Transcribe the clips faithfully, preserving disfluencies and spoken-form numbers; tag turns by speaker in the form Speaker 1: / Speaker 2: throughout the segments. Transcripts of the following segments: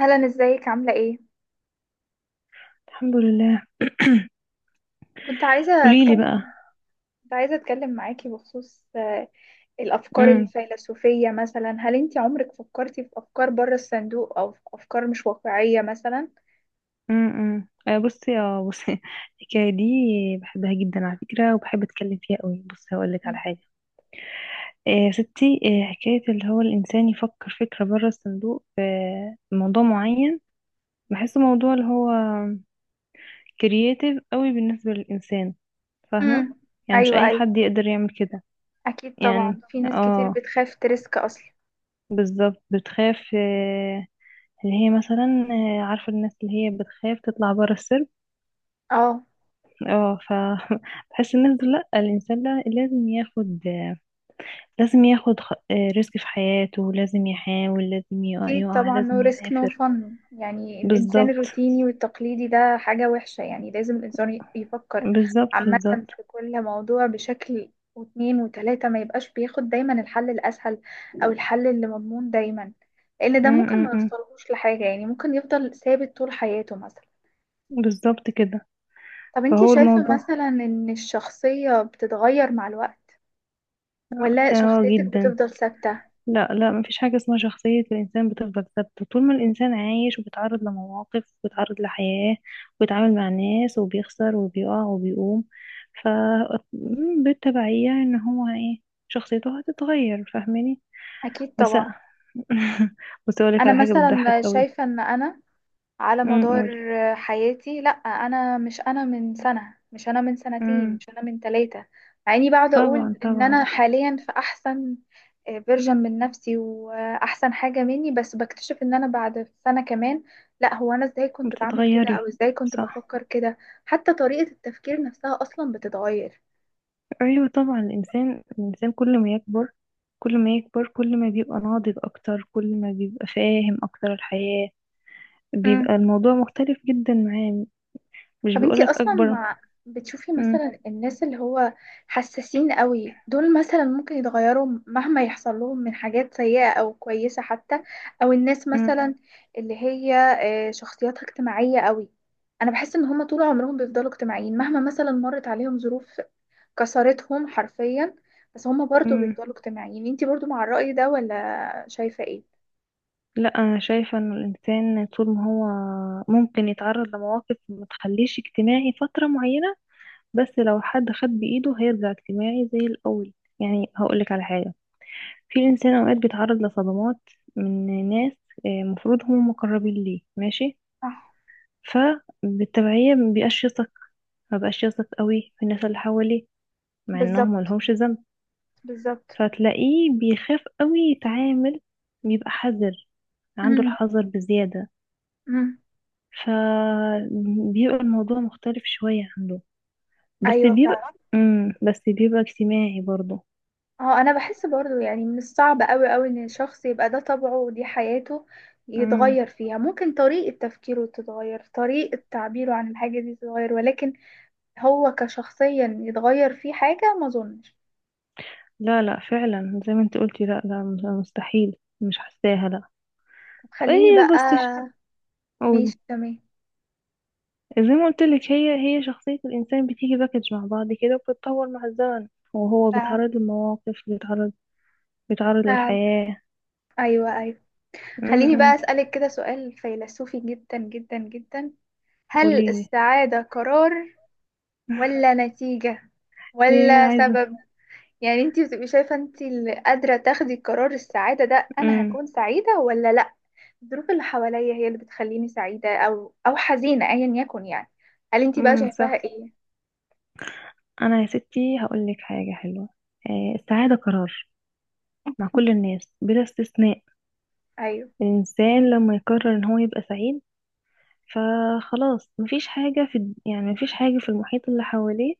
Speaker 1: هلا ازيك عاملة ايه؟
Speaker 2: الحمد لله.
Speaker 1: كنت عايزة
Speaker 2: قولي لي بقى.
Speaker 1: اتكلم كنت عايزة اتكلم معاكي بخصوص آه، الافكار
Speaker 2: امم
Speaker 1: الفيلسوفية، مثلا هل انت عمرك فكرتي في افكار بره الصندوق او في افكار مش واقعية مثلا؟
Speaker 2: امم آه، بصي، اه بصي الحكايه دي بحبها جدا على فكره، وبحب اتكلم فيها قوي. بصي، هقول لك على حاجه. آه، يا ستي، آه، حكايه اللي هو الانسان يفكر فكره بره الصندوق في موضوع معين. بحسه موضوع اللي هو كرييتيف قوي بالنسبه للانسان.
Speaker 1: امم.
Speaker 2: فاهمه؟ يعني مش
Speaker 1: ايوه،
Speaker 2: اي
Speaker 1: ايوه.
Speaker 2: حد يقدر يعمل كده.
Speaker 1: اكيد
Speaker 2: يعني
Speaker 1: طبعا في ناس كتير
Speaker 2: اه
Speaker 1: بتخاف تريسك اصلا.
Speaker 2: بالظبط. بتخاف، آه، اللي هي مثلا، آه، عارفه الناس اللي هي بتخاف تطلع بره السرب.
Speaker 1: اه.
Speaker 2: اه ف بحس الناس دول، لا، الانسان، لا، لازم ياخد، لازم ياخد خ- آه، ريسك في حياته، لازم يحاول، لازم يقع,
Speaker 1: أكيد
Speaker 2: يقع
Speaker 1: طبعا،
Speaker 2: لازم
Speaker 1: no risk no
Speaker 2: يعافر.
Speaker 1: fun، يعني الإنسان
Speaker 2: بالظبط.
Speaker 1: الروتيني والتقليدي ده حاجة وحشة، يعني لازم الإنسان ي- يفكر
Speaker 2: بالظبط.
Speaker 1: عامة
Speaker 2: بالظبط.
Speaker 1: في كل موضوع بشكل واتنين وتلاتة، ما يبقاش بياخد دايما الحل الأسهل أو الحل اللي مضمون دايما، لأن
Speaker 2: م-
Speaker 1: ده ممكن
Speaker 2: م-
Speaker 1: ما
Speaker 2: م.
Speaker 1: يوصلهوش لحاجة، يعني ممكن يفضل ثابت طول حياته مثلا.
Speaker 2: بالظبط كده.
Speaker 1: طب انتي
Speaker 2: فهو
Speaker 1: شايفة
Speaker 2: الموضوع.
Speaker 1: مثلا إن الشخصية بتتغير مع الوقت، ولا
Speaker 2: اه،
Speaker 1: شخصيتك
Speaker 2: جدا.
Speaker 1: بتفضل ثابتة؟
Speaker 2: لا، لا، مفيش حاجة اسمها شخصية الإنسان بتفضل ثابتة طول ما الإنسان عايش وبيتعرض لمواقف وبيتعرض لحياة وبيتعامل مع ناس وبيخسر وبيقع وبيقوم. ف م- بالتبعية إن هو إيه، شخصيته هتتغير. فاهماني؟
Speaker 1: أكيد
Speaker 2: بس
Speaker 1: طبعا.
Speaker 2: بس أقولك
Speaker 1: أنا
Speaker 2: على حاجة بتضحك
Speaker 1: مثلا
Speaker 2: قوي.
Speaker 1: شايفة إن أنا على
Speaker 2: أمم،
Speaker 1: مدار
Speaker 2: قولي.
Speaker 1: حياتي، لا انا مش انا من سنة، مش انا من سنتين،
Speaker 2: أمم.
Speaker 1: مش انا من ثلاثة. مع اني بقعد
Speaker 2: طبعا،
Speaker 1: اقول ان
Speaker 2: طبعا.
Speaker 1: انا حاليا في احسن فيرجن من نفسي واحسن حاجة مني، بس بكتشف ان انا بعد سنة كمان لا، هو انا ازاي كنت بعمل كده او
Speaker 2: بتتغيري.
Speaker 1: ازاي كنت
Speaker 2: صح.
Speaker 1: بفكر كده. حتى طريقة التفكير نفسها اصلا بتتغير.
Speaker 2: ايوه، طبعا الانسان، الانسان كل ما يكبر، كل ما يكبر، كل ما بيبقى ناضج اكتر، كل ما بيبقى فاهم اكتر الحياة، بيبقى الموضوع مختلف جدا معاه. مش
Speaker 1: طب انتي
Speaker 2: بيقولك
Speaker 1: اصلا
Speaker 2: اكبر.
Speaker 1: مع بتشوفي
Speaker 2: مم.
Speaker 1: مثلا الناس اللي هو حساسين قوي دول، مثلا ممكن يتغيروا مهما يحصل لهم من حاجات سيئة او كويسة حتى؟ او الناس
Speaker 2: مم.
Speaker 1: مثلا اللي هي آه، شخصياتها اجتماعية قوي، انا بحس ان هما طول عمرهم بيفضلوا اجتماعيين مهما مثلا مرت عليهم ظروف كسرتهم حرفيا، بس هما برضو
Speaker 2: مم.
Speaker 1: بيفضلوا اجتماعيين، انتي برضو مع الرأي ده ولا شايفة ايه؟
Speaker 2: لا، انا شايفة ان الانسان طول ما هو ممكن يتعرض لمواقف ما تخليش اجتماعي فترة معينة، بس لو حد خد بايده هيرجع اجتماعي زي الاول. يعني هقولك على حاجة. في انسان اوقات بيتعرض لصدمات من ناس آه، مفروض هم مقربين ليه. ماشي.
Speaker 1: صح.
Speaker 2: فبالتبعية مبيبقاش يثق، مبقاش يثق قوي في الناس اللي حواليه، مع انهم
Speaker 1: بالظبط،
Speaker 2: ملهمش ذنب.
Speaker 1: بالظبط.
Speaker 2: فتلاقيه بيخاف قوي يتعامل، بيبقى حذر، عنده
Speaker 1: امم،
Speaker 2: الحذر بزيادة.
Speaker 1: امم.
Speaker 2: فبيبقى الموضوع مختلف شوية عنده. بس
Speaker 1: ايوه،
Speaker 2: بيبقى.
Speaker 1: فعلا.
Speaker 2: مم. بس بيبقى اجتماعي برضه.
Speaker 1: اه، انا بحس برضو يعني من الصعب قوي قوي ان الشخص يبقى ده طبعه ودي حياته،
Speaker 2: مم.
Speaker 1: يتغير فيها ممكن طريقة تفكيره تتغير، طريقة تعبيره عن الحاجة دي تتغير، ولكن هو كشخصيا يتغير فيه حاجة، ما اظنش.
Speaker 2: لا، لا، فعلا زي ما انت قلتي. لا، لا، مستحيل. مش حاساها. لا.
Speaker 1: طب خليني
Speaker 2: ايه؟
Speaker 1: بقى.
Speaker 2: بس ش-
Speaker 1: ماشي
Speaker 2: قولي.
Speaker 1: تمام.
Speaker 2: زي ما قلت لك، هي هي شخصية الإنسان بتيجي باكج مع بعض كده، وبتتطور مع الزمن، وهو
Speaker 1: فعلا،
Speaker 2: بيتعرض لمواقف، بيتعرض بيتعرض
Speaker 1: فعلا.
Speaker 2: للحياة.
Speaker 1: ايوه، ايوه. خليني بقى
Speaker 2: امم.
Speaker 1: اسألك كده سؤال فيلسوفي جدا جدا جدا، هل
Speaker 2: قوليلي.
Speaker 1: السعادة قرار ولا نتيجة
Speaker 2: ايه؟
Speaker 1: ولا
Speaker 2: عايزة؟
Speaker 1: سبب؟ يعني انتي بتبقي شايفة انتي اللي قادرة تاخدي قرار السعادة ده، انا
Speaker 2: امم
Speaker 1: هكون سعيدة ولا لا؟ الظروف اللي حواليا هي اللي بتخليني سعيدة او او حزينة، ايا يكن يعني. هل انتي بقى
Speaker 2: امم
Speaker 1: شايفاها
Speaker 2: صح.
Speaker 1: ايه؟
Speaker 2: أنا يا ستي هقولك حاجة حلوة. آه السعادة قرار مع كل الناس بلا استثناء.
Speaker 1: ايوه.
Speaker 2: الإنسان لما يقرر إن هو يبقى سعيد، فخلاص مفيش حاجة في الد- يعني مفيش حاجة في المحيط اللي حواليه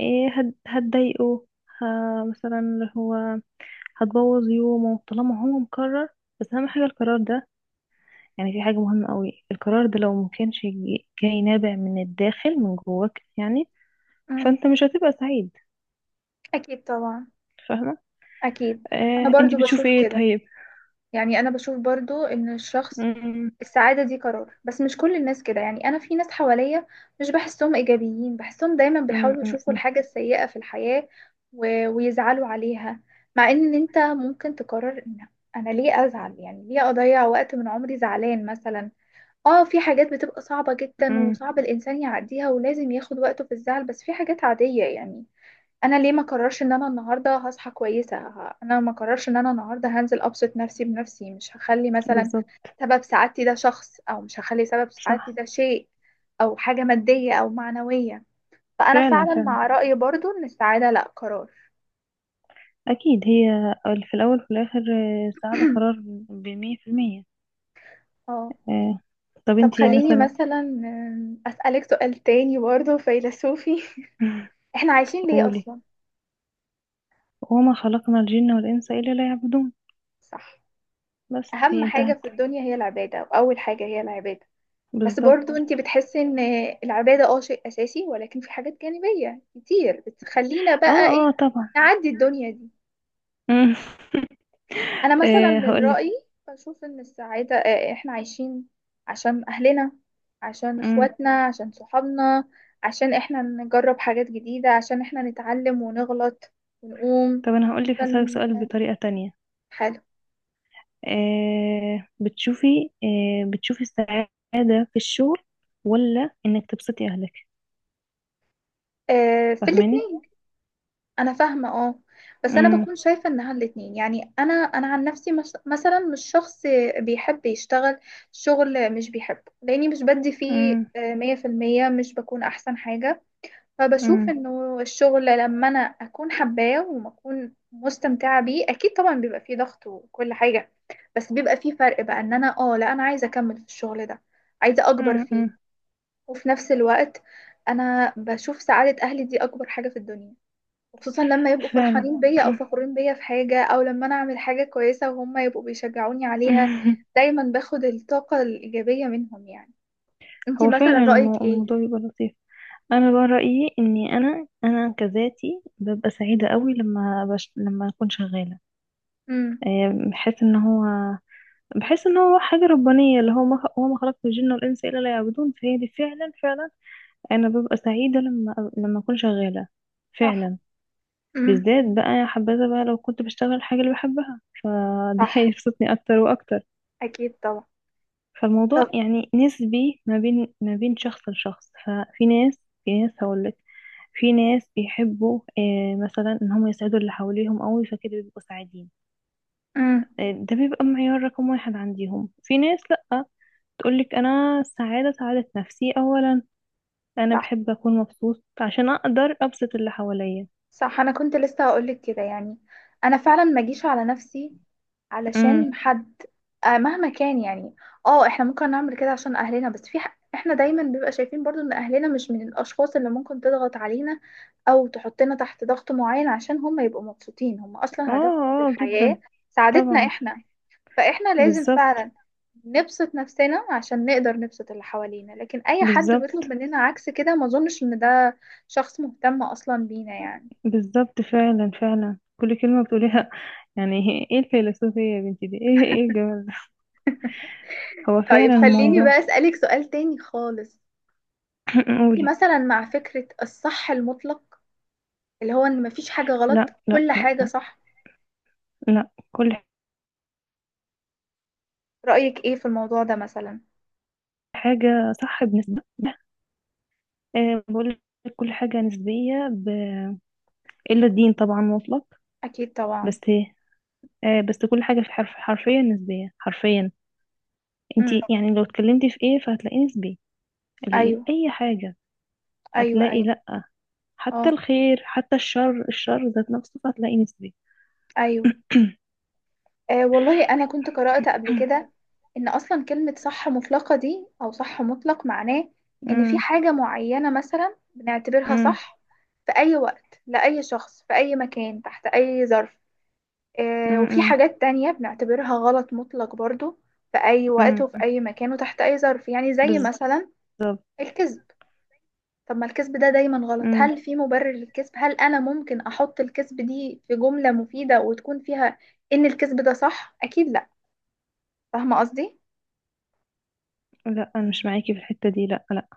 Speaker 2: آه هت- هتضايقه. ه- مثلا اللي هو هتبوظ يومه، طالما هو مقرر. بس اهم حاجه القرار ده. يعني في حاجه مهمه قوي، القرار ده لو مكانش جي- جاي نابع من الداخل، من جواك يعني.
Speaker 1: مم.
Speaker 2: فانت مش هتبقى سعيد.
Speaker 1: اكيد طبعا.
Speaker 2: فاهمه؟
Speaker 1: اكيد. انا
Speaker 2: آه، انتي
Speaker 1: برضو
Speaker 2: بتشوفي
Speaker 1: بشوف
Speaker 2: ايه
Speaker 1: كده،
Speaker 2: طيب؟
Speaker 1: يعني انا بشوف برضو ان الشخص
Speaker 2: أمم.
Speaker 1: السعادة دي قرار، بس مش كل الناس كده. يعني أنا في ناس حواليا مش بحسهم إيجابيين، بحسهم دايما
Speaker 2: أمم.
Speaker 1: بيحاولوا يشوفوا
Speaker 2: أمم.
Speaker 1: الحاجة السيئة في الحياة و... ويزعلوا عليها، مع إن أنت ممكن تقرر إن أنا ليه أزعل؟ يعني ليه أضيع وقت من عمري زعلان مثلا؟ آه، في حاجات بتبقى صعبة جدا
Speaker 2: أمم.
Speaker 1: وصعب الإنسان يعديها ولازم ياخد وقته في الزعل، بس في حاجات عادية يعني. انا ليه ما قررش ان انا النهارده هصحى كويسه، ه- انا ما قررش ان انا النهارده هنزل ابسط نفسي بنفسي، مش هخلي مثلا
Speaker 2: بالظبط.
Speaker 1: سبب سعادتي ده شخص، او مش هخلي سبب سعادتي
Speaker 2: صح.
Speaker 1: ده شيء، او حاجه ماديه او معنويه، فانا
Speaker 2: فعلا،
Speaker 1: فعلا
Speaker 2: فعلا.
Speaker 1: مع رايي برضو ان السعاده لا قرار.
Speaker 2: اكيد هي، في الاول وفي الاخر، آه، السعاده قرار. بمية في المية.
Speaker 1: اه.
Speaker 2: آه. طب
Speaker 1: طب اه
Speaker 2: انتي
Speaker 1: خليني طبعا
Speaker 2: مثلا.
Speaker 1: مثلا، أم، اسالك سؤال تاني برضو فيلسوفي، احنا عايشين ليه
Speaker 2: قولي.
Speaker 1: اصلا؟
Speaker 2: وما خلقنا الجن والانس الا ليعبدون.
Speaker 1: صح،
Speaker 2: بس
Speaker 1: اهم
Speaker 2: هي
Speaker 1: حاجه
Speaker 2: انتهت.
Speaker 1: في الدنيا هي العباده، واول حاجه هي العباده. بس
Speaker 2: بالظبط.
Speaker 1: برضو انت بتحسي ان العبادة اه شيء اساسي، ولكن في حاجات جانبية كتير بتخلينا
Speaker 2: اه،
Speaker 1: بقى ايه
Speaker 2: اه، طبعا.
Speaker 1: نعدي الدنيا دي؟
Speaker 2: مم.
Speaker 1: انا مثلا
Speaker 2: آه
Speaker 1: من
Speaker 2: هقولك.
Speaker 1: رأيي بشوف ان السعادة اه، آه، احنا عايشين عشان اهلنا، عشان
Speaker 2: مم.
Speaker 1: اخواتنا، عشان صحابنا، عشان احنا نجرب حاجات جديدة، عشان احنا نتعلم ونغلط ونقوم،
Speaker 2: طب انا هقولك، هسألك
Speaker 1: عشان
Speaker 2: سؤال بطريقة تانية.
Speaker 1: حاله.
Speaker 2: آه بتشوفي آه بتشوفي السعادة في الشغل، ولا انك تبسطي اهلك؟
Speaker 1: اه، في
Speaker 2: فاهماني؟
Speaker 1: الاتنين. انا فاهمه اه، بس انا
Speaker 2: مم.
Speaker 1: بكون شايفه انها الاتنين، يعني انا انا عن نفسي مس- مثلا مش شخص بيحب يشتغل شغل مش بيحبه، لاني مش بدي فيه
Speaker 2: مم.
Speaker 1: آه، مية في المية، مش بكون احسن حاجه. فبشوف
Speaker 2: مم.
Speaker 1: انه الشغل لما انا اكون حباه وما اكون مستمتعه بيه اكيد طبعا بيبقى فيه ضغط وكل حاجه، بس بيبقى فيه فرق بقى، ان انا اه لا انا عايزه اكمل في الشغل ده، عايزه اكبر
Speaker 2: مم.
Speaker 1: فيه.
Speaker 2: مم.
Speaker 1: وفي نفس الوقت انا بشوف سعاده اهلي دي اكبر حاجه في الدنيا، وخصوصا لما يبقوا
Speaker 2: فعلا.
Speaker 1: فرحانين بيا او فخورين بيا في حاجة، او لما انا اعمل حاجة كويسة وهم يبقوا بيشجعوني عليها. دايما باخد الطاقة الإيجابية منهم يعني. انتي
Speaker 2: هو
Speaker 1: مثلا
Speaker 2: فعلا
Speaker 1: رأيك
Speaker 2: المو-
Speaker 1: ايه؟
Speaker 2: الموضوع بيبقى لطيف. انا بقى رأيي اني انا انا كذاتي ببقى سعيدة قوي لما بش... لما اكون شغالة.
Speaker 1: امم،
Speaker 2: آه، بحس ان هو بحس ان هو حاجة ربانية، اللي هو ما هو ما خلقت الجن والانس الا ليعبدون. فهي دي فعلا، فعلا انا ببقى سعيدة لما لما اكون شغالة.
Speaker 1: صح.
Speaker 2: فعلا.
Speaker 1: امم،
Speaker 2: بالذات بقى يا حبذا بقى لو كنت بشتغل الحاجة اللي بحبها. فده
Speaker 1: صح.
Speaker 2: هيبسطني اكتر واكتر.
Speaker 1: اكيد طبعا.
Speaker 2: فالموضوع
Speaker 1: طب.
Speaker 2: يعني نسبي ما بين ما بين شخص لشخص. ففي ناس، في ناس هقولك، في ناس بيحبوا، آه، مثلا ان هم يسعدوا اللي حواليهم قوي، فكده بيبقوا سعيدين.
Speaker 1: امم،
Speaker 2: آه، ده بيبقى معيار رقم واحد عندهم. في ناس، لا، تقولك أنا السعادة سعادة نفسي أولا. أنا
Speaker 1: صح،
Speaker 2: بحب أكون مبسوط عشان أقدر أبسط اللي حواليا.
Speaker 1: صح. انا كنت لسه هقولك كده، يعني انا فعلا ما اجيش على نفسي
Speaker 2: امم.
Speaker 1: علشان حد، آه مهما كان يعني. اه، احنا ممكن نعمل كده عشان اهلنا، بس في ح... احنا دايما بيبقى شايفين برضو ان اهلنا مش من الاشخاص اللي ممكن تضغط علينا، او تحطنا تحت ضغط معين عشان هم يبقوا مبسوطين. هم
Speaker 2: اه،
Speaker 1: اصلا هدفهم في
Speaker 2: اه، جدا.
Speaker 1: الحياة سعادتنا
Speaker 2: طبعا.
Speaker 1: احنا، فاحنا لازم
Speaker 2: بالظبط.
Speaker 1: فعلا نبسط نفسنا عشان نقدر نبسط اللي حوالينا، لكن اي حد
Speaker 2: بالظبط.
Speaker 1: بيطلب مننا عكس كده ما اظنش ان ده شخص مهتم اصلا بينا يعني.
Speaker 2: بالظبط. فعلا، فعلا كل كلمة بتقوليها يعني. ايه الفيلسوفية يا بنتي دي، ايه، ايه الجمال ده. هو
Speaker 1: طيب
Speaker 2: فعلا
Speaker 1: خليني
Speaker 2: الموضوع
Speaker 1: بقى اسألك سؤال تاني خالص.
Speaker 2: قولي.
Speaker 1: مثلا مع فكرة الصح المطلق، اللي هو ان مفيش حاجة غلط،
Speaker 2: لا، لا،
Speaker 1: كل
Speaker 2: لا،
Speaker 1: حاجة
Speaker 2: لا.
Speaker 1: صح،
Speaker 2: لا، كل
Speaker 1: رأيك ايه في الموضوع ده مثلا؟
Speaker 2: حاجة صح بنسبة. أه، بقول لك كل حاجة نسبية ب... إلا الدين طبعا مطلق.
Speaker 1: اكيد طبعا.
Speaker 2: بس إيه؟ آه، بس كل حاجة، في حرف حرفيا، نسبية حرفيا.
Speaker 1: امم.
Speaker 2: انتي يعني لو اتكلمتي في ايه فهتلاقيه نسبي. ال-
Speaker 1: ايوه،
Speaker 2: اي حاجة
Speaker 1: ايوه،
Speaker 2: هتلاقي،
Speaker 1: ايوه.
Speaker 2: لا، حتى
Speaker 1: اه.
Speaker 2: الخير، حتى الشر، الشر ذات نفسه فهتلاقي نسبي.
Speaker 1: ايوه. آه والله انا كنت قرأت قبل كده ان اصلا كلمة صح مطلقة دي او صح مطلق معناه ان في
Speaker 2: مم،
Speaker 1: حاجة معينة مثلا بنعتبرها
Speaker 2: مم،
Speaker 1: صح في اي وقت لأي شخص في اي مكان تحت اي ظرف،
Speaker 2: مم،
Speaker 1: آه، وفي
Speaker 2: مم،
Speaker 1: حاجات تانية بنعتبرها غلط مطلق برضو في أي وقت
Speaker 2: مم.
Speaker 1: وفي أي مكان وتحت أي ظرف، يعني زي
Speaker 2: بز...
Speaker 1: مثلا الكذب. طب ما الكذب ده دايما غلط،
Speaker 2: مم.
Speaker 1: هل في مبرر للكذب؟ هل أنا ممكن أحط الكذب دي في جملة مفيدة وتكون فيها إن الكذب ده صح؟ أكيد لأ. فاهمة قصدي؟
Speaker 2: لا، انا مش معاكي في الحتة دي. لا، لا،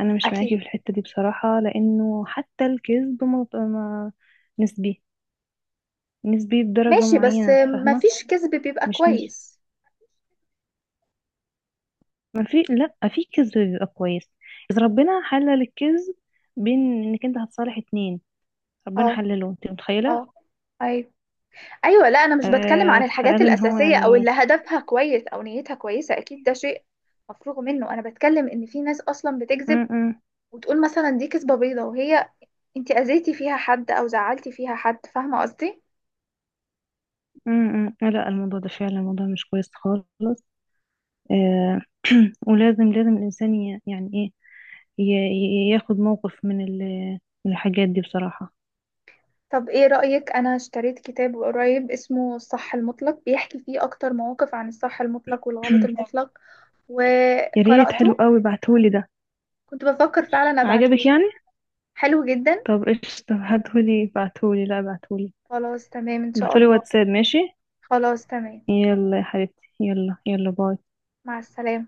Speaker 2: انا مش معاكي
Speaker 1: أكيد.
Speaker 2: في الحتة دي بصراحة، لانه حتى الكذب ما... ما... نسبي. نسبي بدرجة
Speaker 1: ماشي، بس
Speaker 2: معينة.
Speaker 1: آه،
Speaker 2: فاهمة؟
Speaker 1: مفيش كذب بيبقى
Speaker 2: مش نسبي.
Speaker 1: كويس.
Speaker 2: ما في، لا، في كذب بيبقى كويس. اذا ربنا حلل الكذب بين، انك انت هتصالح اتنين، ربنا
Speaker 1: اه،
Speaker 2: حلله، انت متخيله؟
Speaker 1: اه. أيوة، ايوه. لا، انا مش بتكلم
Speaker 2: آه
Speaker 1: عن الحاجات
Speaker 2: فقال ان هو
Speaker 1: الاساسيه او
Speaker 2: يعني.
Speaker 1: اللي هدفها كويس او نيتها كويسه، اكيد ده شيء مفروغ منه. انا بتكلم ان في ناس اصلا
Speaker 2: م
Speaker 1: بتكذب
Speaker 2: -م -م
Speaker 1: وتقول مثلا دي كذبه بيضه، وهي انت اذيتي فيها حد او زعلتي فيها حد، فاهمه قصدي؟
Speaker 2: -م. لا، الموضوع ده فعلا الموضوع مش كويس خالص. آه ولازم، لازم الانسان ي- يعني ايه، ي- ي- ياخد موقف من ال- من الحاجات دي بصراحه.
Speaker 1: طب ايه رايك؟ انا اشتريت كتاب قريب اسمه الصح المطلق بيحكي فيه اكتر مواقف عن الصح المطلق والغلط المطلق
Speaker 2: يا ريت، حلو
Speaker 1: وقراته.
Speaker 2: قوي، بعتهولي ده.
Speaker 1: كنت بفكر فعلا
Speaker 2: عجبك
Speaker 1: ابعتهولك.
Speaker 2: يعني؟
Speaker 1: حلو جدا.
Speaker 2: طب ايش، طب هاتهولي، بعتهولي، لا، بعتهولي.
Speaker 1: خلاص تمام ان شاء
Speaker 2: بعتهولي
Speaker 1: الله.
Speaker 2: واتساب، ماشي.
Speaker 1: خلاص تمام.
Speaker 2: يلا يا حبيبتي، يلا، يلا، باي.
Speaker 1: مع السلامه.